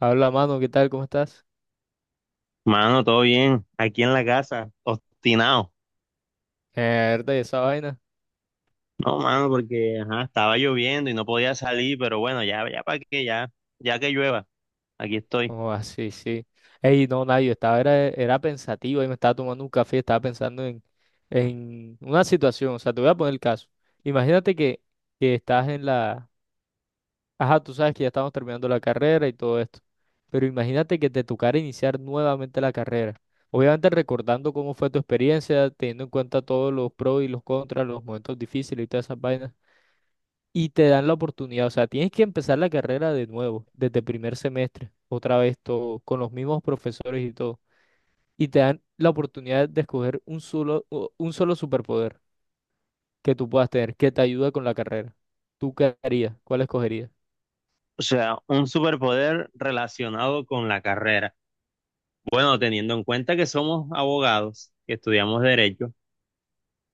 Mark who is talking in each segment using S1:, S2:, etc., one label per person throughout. S1: Habla, mano, ¿qué tal? ¿Cómo estás?
S2: Mano, todo bien, aquí en la casa, obstinado.
S1: Mierda, ¿y esa vaina?
S2: No, mano, porque ajá, estaba lloviendo y no podía salir, pero bueno, ya, ya para que ya, ya que llueva, aquí estoy.
S1: Oh, ah, sí, sí. Ey, no, nadie, yo estaba, era pensativo y me estaba tomando un café, estaba pensando en una situación, o sea, te voy a poner el caso. Imagínate que estás en la. Ajá, tú sabes que ya estamos terminando la carrera y todo esto, pero imagínate que te tocara iniciar nuevamente la carrera. Obviamente recordando cómo fue tu experiencia, teniendo en cuenta todos los pros y los contras, los momentos difíciles y todas esas vainas. Y te dan la oportunidad. O sea, tienes que empezar la carrera de nuevo, desde primer semestre, otra vez todo, con los mismos profesores y todo. Y te dan la oportunidad de escoger un solo superpoder que tú puedas tener, que te ayude con la carrera. ¿Tú qué harías? ¿Cuál escogerías?
S2: O sea, un superpoder relacionado con la carrera. Bueno, teniendo en cuenta que somos abogados, que estudiamos derecho,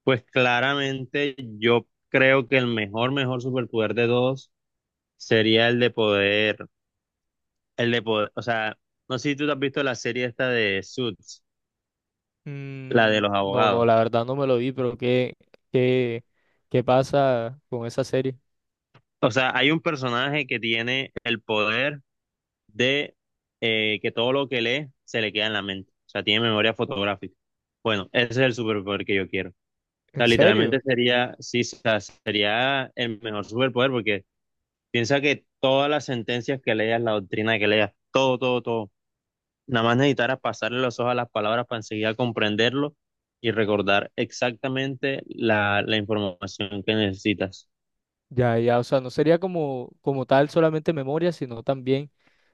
S2: pues claramente yo creo que el mejor superpoder de todos sería el de poder, o sea, no sé si tú te has visto la serie esta de Suits, la de
S1: Mm,
S2: los
S1: no, no,
S2: abogados.
S1: la verdad no me lo vi, pero qué, qué pasa con esa serie?
S2: O sea, hay un personaje que tiene el poder de que todo lo que lee se le queda en la mente. O sea, tiene memoria fotográfica. Bueno, ese es el superpoder que yo quiero. O sea,
S1: ¿En serio?
S2: literalmente sería, sí, o sea, sería el mejor superpoder porque piensa que todas las sentencias que leas, la doctrina que leas, todo, todo, todo, nada más necesitaras pasarle los ojos a las palabras para enseguida comprenderlo y recordar exactamente la información que necesitas.
S1: Ya, ya, o sea, no sería como tal solamente memoria, sino también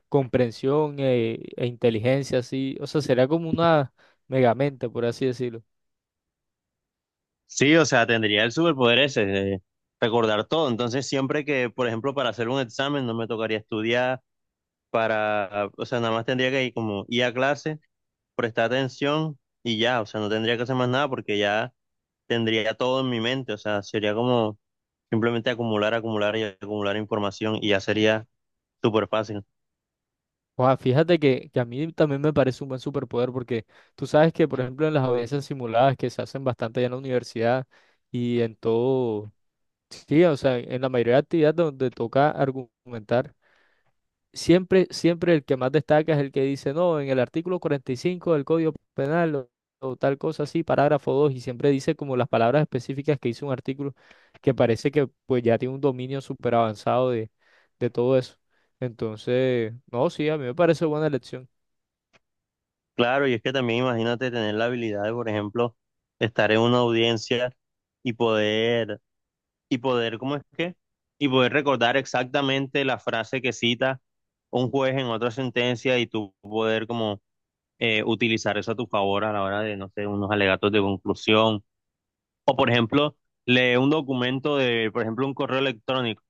S1: comprensión e inteligencia, así. O sea, será como una megamente, por así decirlo.
S2: Sí, o sea, tendría el superpoder ese, de recordar todo. Entonces, siempre que, por ejemplo, para hacer un examen no me tocaría estudiar, para, o sea, nada más tendría que ir como ir a clase, prestar atención y ya, o sea, no tendría que hacer más nada porque ya tendría todo en mi mente, o sea, sería como simplemente acumular, acumular y acumular información y ya sería súper fácil.
S1: O sea, fíjate que a mí también me parece un buen superpoder porque tú sabes que, por ejemplo, en las audiencias simuladas que se hacen bastante ya en la universidad y en todo, sí, o sea, en la mayoría de actividades donde toca argumentar. Siempre el que más destaca es el que dice, no, en el artículo 45 del Código Penal o tal cosa así, parágrafo 2 y siempre dice como las palabras específicas que hizo un artículo que parece que pues ya tiene un dominio súper avanzado de todo eso. Entonces, no, sí, a mí me parece buena elección.
S2: Claro, y es que también imagínate tener la habilidad de, por ejemplo, estar en una audiencia y poder y poder, ¿cómo es que? Y poder recordar exactamente la frase que cita un juez en otra sentencia y tú poder como utilizar eso a tu favor a la hora de, no sé, unos alegatos de conclusión. O, por ejemplo, lee un documento de, por ejemplo, un correo electrónico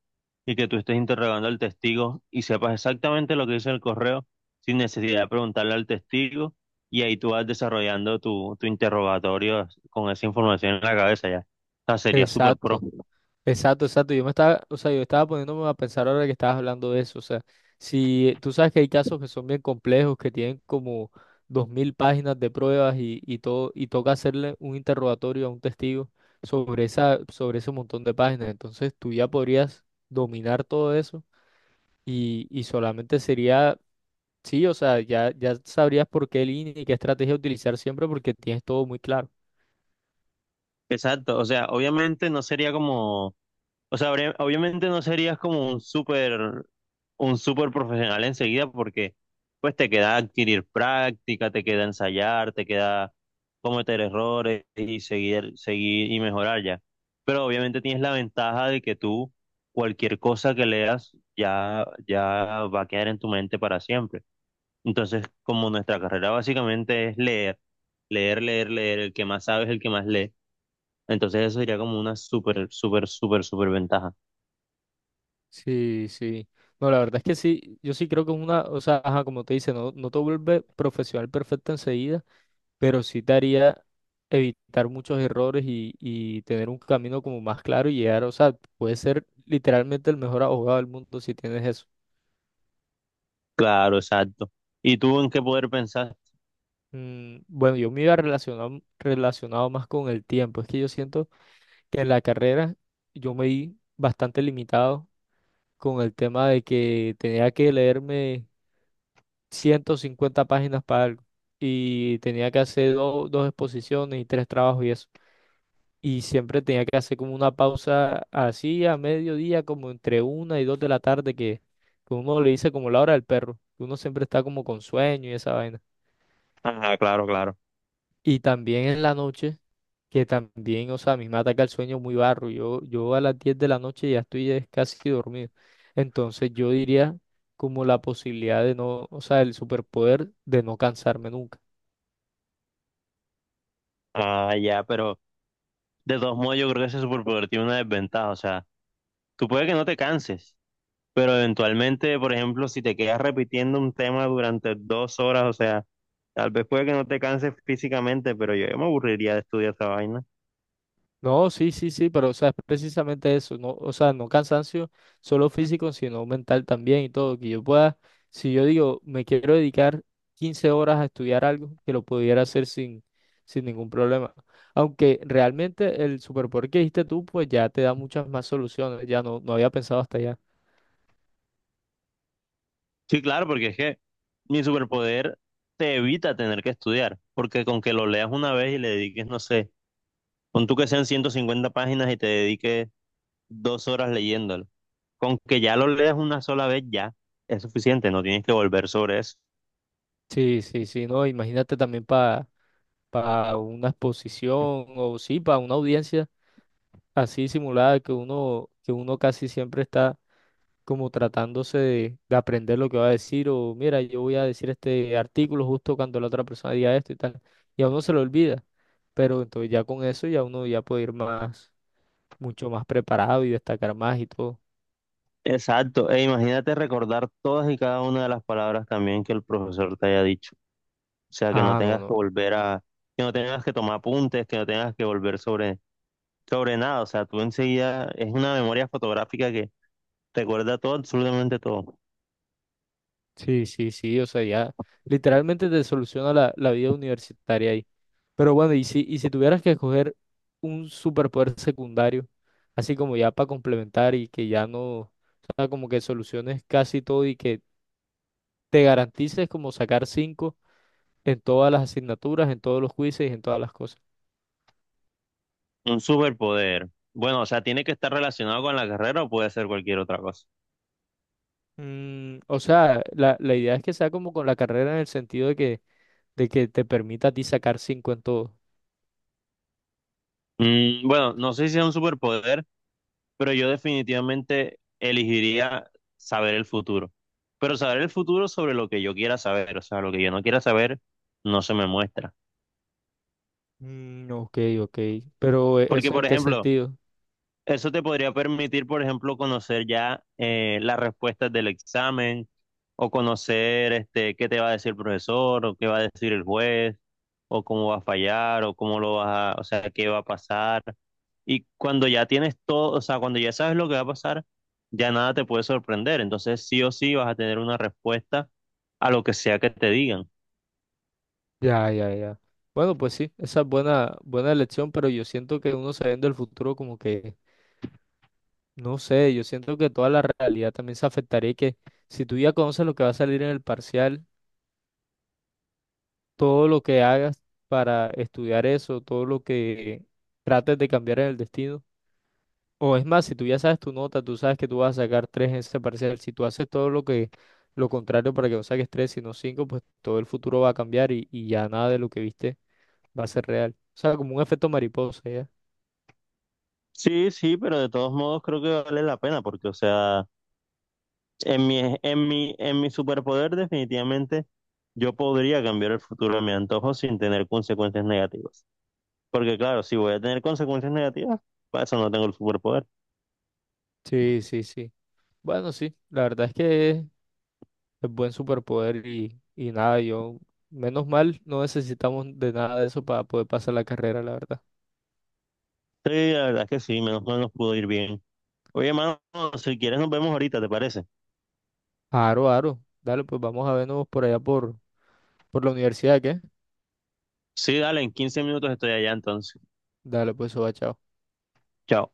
S2: y que tú estés interrogando al testigo y sepas exactamente lo que dice el correo sin necesidad de preguntarle al testigo y ahí tú vas desarrollando tu interrogatorio con esa información en la cabeza ya. O sea, sería súper pro.
S1: Exacto. Exacto, exacto. Yo me estaba, o sea, yo estaba poniéndome a pensar ahora que estabas hablando de eso. O sea, si tú sabes que hay casos que son bien complejos, que tienen como 2000 páginas de pruebas y todo, y toca hacerle un interrogatorio a un testigo sobre esa, sobre ese montón de páginas. Entonces tú ya podrías dominar todo eso y solamente sería, sí, o sea, ya, ya sabrías por qué línea y qué estrategia utilizar siempre porque tienes todo muy claro.
S2: Exacto, o sea, obviamente no sería como, o sea, obviamente no serías como un súper profesional enseguida porque pues te queda adquirir práctica, te queda ensayar, te queda cometer errores y seguir, seguir y mejorar ya. Pero obviamente tienes la ventaja de que tú cualquier cosa que leas ya, ya va a quedar en tu mente para siempre. Entonces, como nuestra carrera básicamente es leer, leer, leer, leer, el que más sabe es el que más lee, entonces eso sería como una súper, súper, súper, súper ventaja.
S1: Sí, sí. No, la verdad es que sí, yo sí creo que es una, o sea, ajá, como te dice, no, no te vuelve profesional perfecto enseguida, pero sí te haría evitar muchos errores y tener un camino como más claro y llegar, o sea, puedes ser literalmente el mejor abogado del mundo si tienes eso.
S2: Claro, exacto. ¿Y tú en qué poder pensar?
S1: Mm, bueno, yo me iba relacionado, relacionado más con el tiempo, es que yo siento que en la carrera yo me vi bastante limitado con el tema de que tenía que leerme 150 páginas para algo. Y tenía que hacer dos exposiciones y tres trabajos y eso. Y siempre tenía que hacer como una pausa así a mediodía, como entre una y dos de la tarde, que uno le dice como la hora del perro, que uno siempre está como con sueño y esa vaina.
S2: Ah, claro, claro.
S1: Y también en la noche, que también, o sea, a mí me ataca el sueño muy barro. Yo a las 10 de la noche ya estoy casi dormido. Entonces yo diría como la posibilidad de no, o sea, el superpoder de no cansarme nunca.
S2: Ah, ya, pero de todos modos yo creo que ese superpoder tiene una desventaja. O sea, tú puedes que no te canses, pero eventualmente, por ejemplo, si te quedas repitiendo un tema durante 2 horas, o sea, tal vez puede que no te canses físicamente, pero yo me aburriría de estudiar esa vaina.
S1: No, sí, sí, sí, pero o sea, es precisamente eso, no, o sea, no cansancio solo físico, sino mental también y todo, que yo pueda, si yo digo, me quiero dedicar 15 horas a estudiar algo, que lo pudiera hacer sin ningún problema. Aunque realmente el superpoder que dijiste tú, pues ya te da muchas más soluciones, ya no, no había pensado hasta allá.
S2: Sí, claro, porque es que mi superpoder te evita tener que estudiar, porque con que lo leas una vez y le dediques, no sé. Pon tú que sean 150 páginas y te dediques 2 horas leyéndolo. Con que ya lo leas una sola vez, ya es suficiente, no tienes que volver sobre eso.
S1: Sí, sí, sí, no, imagínate también para una exposición o sí, para una audiencia así simulada que uno casi siempre está como tratándose de aprender lo que va a decir o mira, yo voy a decir este artículo justo cuando la otra persona diga esto y tal. Y a uno se lo olvida, pero entonces ya con eso ya uno ya puede ir más, mucho más preparado y destacar más y todo.
S2: Exacto, e imagínate recordar todas y cada una de las palabras también que el profesor te haya dicho. O sea, que no
S1: Ah, no,
S2: tengas que
S1: no.
S2: volver a, que no tengas que tomar apuntes, que no tengas que volver sobre, sobre nada. O sea, tú enseguida es una memoria fotográfica que recuerda todo, absolutamente todo.
S1: Sí, sí, sí, o sea, ya literalmente te soluciona la vida universitaria ahí. Pero bueno, y si tuvieras que escoger un superpoder secundario, así como ya para complementar y que ya no, o sea, como que soluciones casi todo y que te garantices como sacar 5 en todas las asignaturas, en todos los quizzes y en todas las cosas.
S2: Un superpoder. Bueno, o sea, tiene que estar relacionado con la carrera o puede ser cualquier otra cosa.
S1: Mm, o sea, la idea es que sea como con la carrera en el sentido de que te permita a ti sacar 5 en todo.
S2: Bueno, no sé si es un superpoder, pero yo definitivamente elegiría saber el futuro. Pero saber el futuro sobre lo que yo quiera saber, o sea, lo que yo no quiera saber no se me muestra.
S1: Mm, ok, ok. Pero
S2: Porque,
S1: ¿eso en
S2: por
S1: qué
S2: ejemplo,
S1: sentido?
S2: eso te podría permitir, por ejemplo, conocer ya las respuestas del examen o conocer este, qué te va a decir el profesor o qué va a decir el juez o cómo va a fallar, o cómo lo vas a, o sea, qué va a pasar. Y cuando ya tienes todo, o sea, cuando ya sabes lo que va a pasar, ya nada te puede sorprender. Entonces, sí o sí vas a tener una respuesta a lo que sea que te digan.
S1: Ya, ya, ya. Bueno, pues sí, esa es buena, buena elección, pero yo siento que uno sabiendo el futuro como que, no sé, yo siento que toda la realidad también se afectaría y que si tú ya conoces lo que va a salir en el parcial, todo lo que hagas para estudiar eso, todo lo que trates de cambiar en el destino. O es más, si tú ya sabes tu nota, tú sabes que tú vas a sacar tres en ese parcial. Si tú haces todo lo que, lo contrario para que no saques tres, sino cinco, pues todo el futuro va a cambiar y ya nada de lo que viste va a ser real. O sea, como un efecto mariposa, ¿ya?
S2: Sí, sí, pero de todos modos creo que vale la pena porque, o sea, en mi superpoder definitivamente yo podría cambiar el futuro a mi antojo sin tener consecuencias negativas. Porque claro, si voy a tener consecuencias negativas, para eso no tengo el superpoder.
S1: Sí, sí, sí. Bueno, sí, la verdad es que es buen superpoder y nada, yo, menos mal, no necesitamos de nada de eso para poder pasar la carrera, la verdad.
S2: Sí, la verdad es que sí, menos mal nos pudo ir bien. Oye, mano, si quieres nos vemos ahorita, ¿te parece?
S1: Aro, aro. Dale, pues vamos a vernos por allá por la universidad, ¿qué?
S2: Sí, dale, en 15 minutos estoy allá entonces.
S1: Dale, pues, soba, chao.
S2: Chao.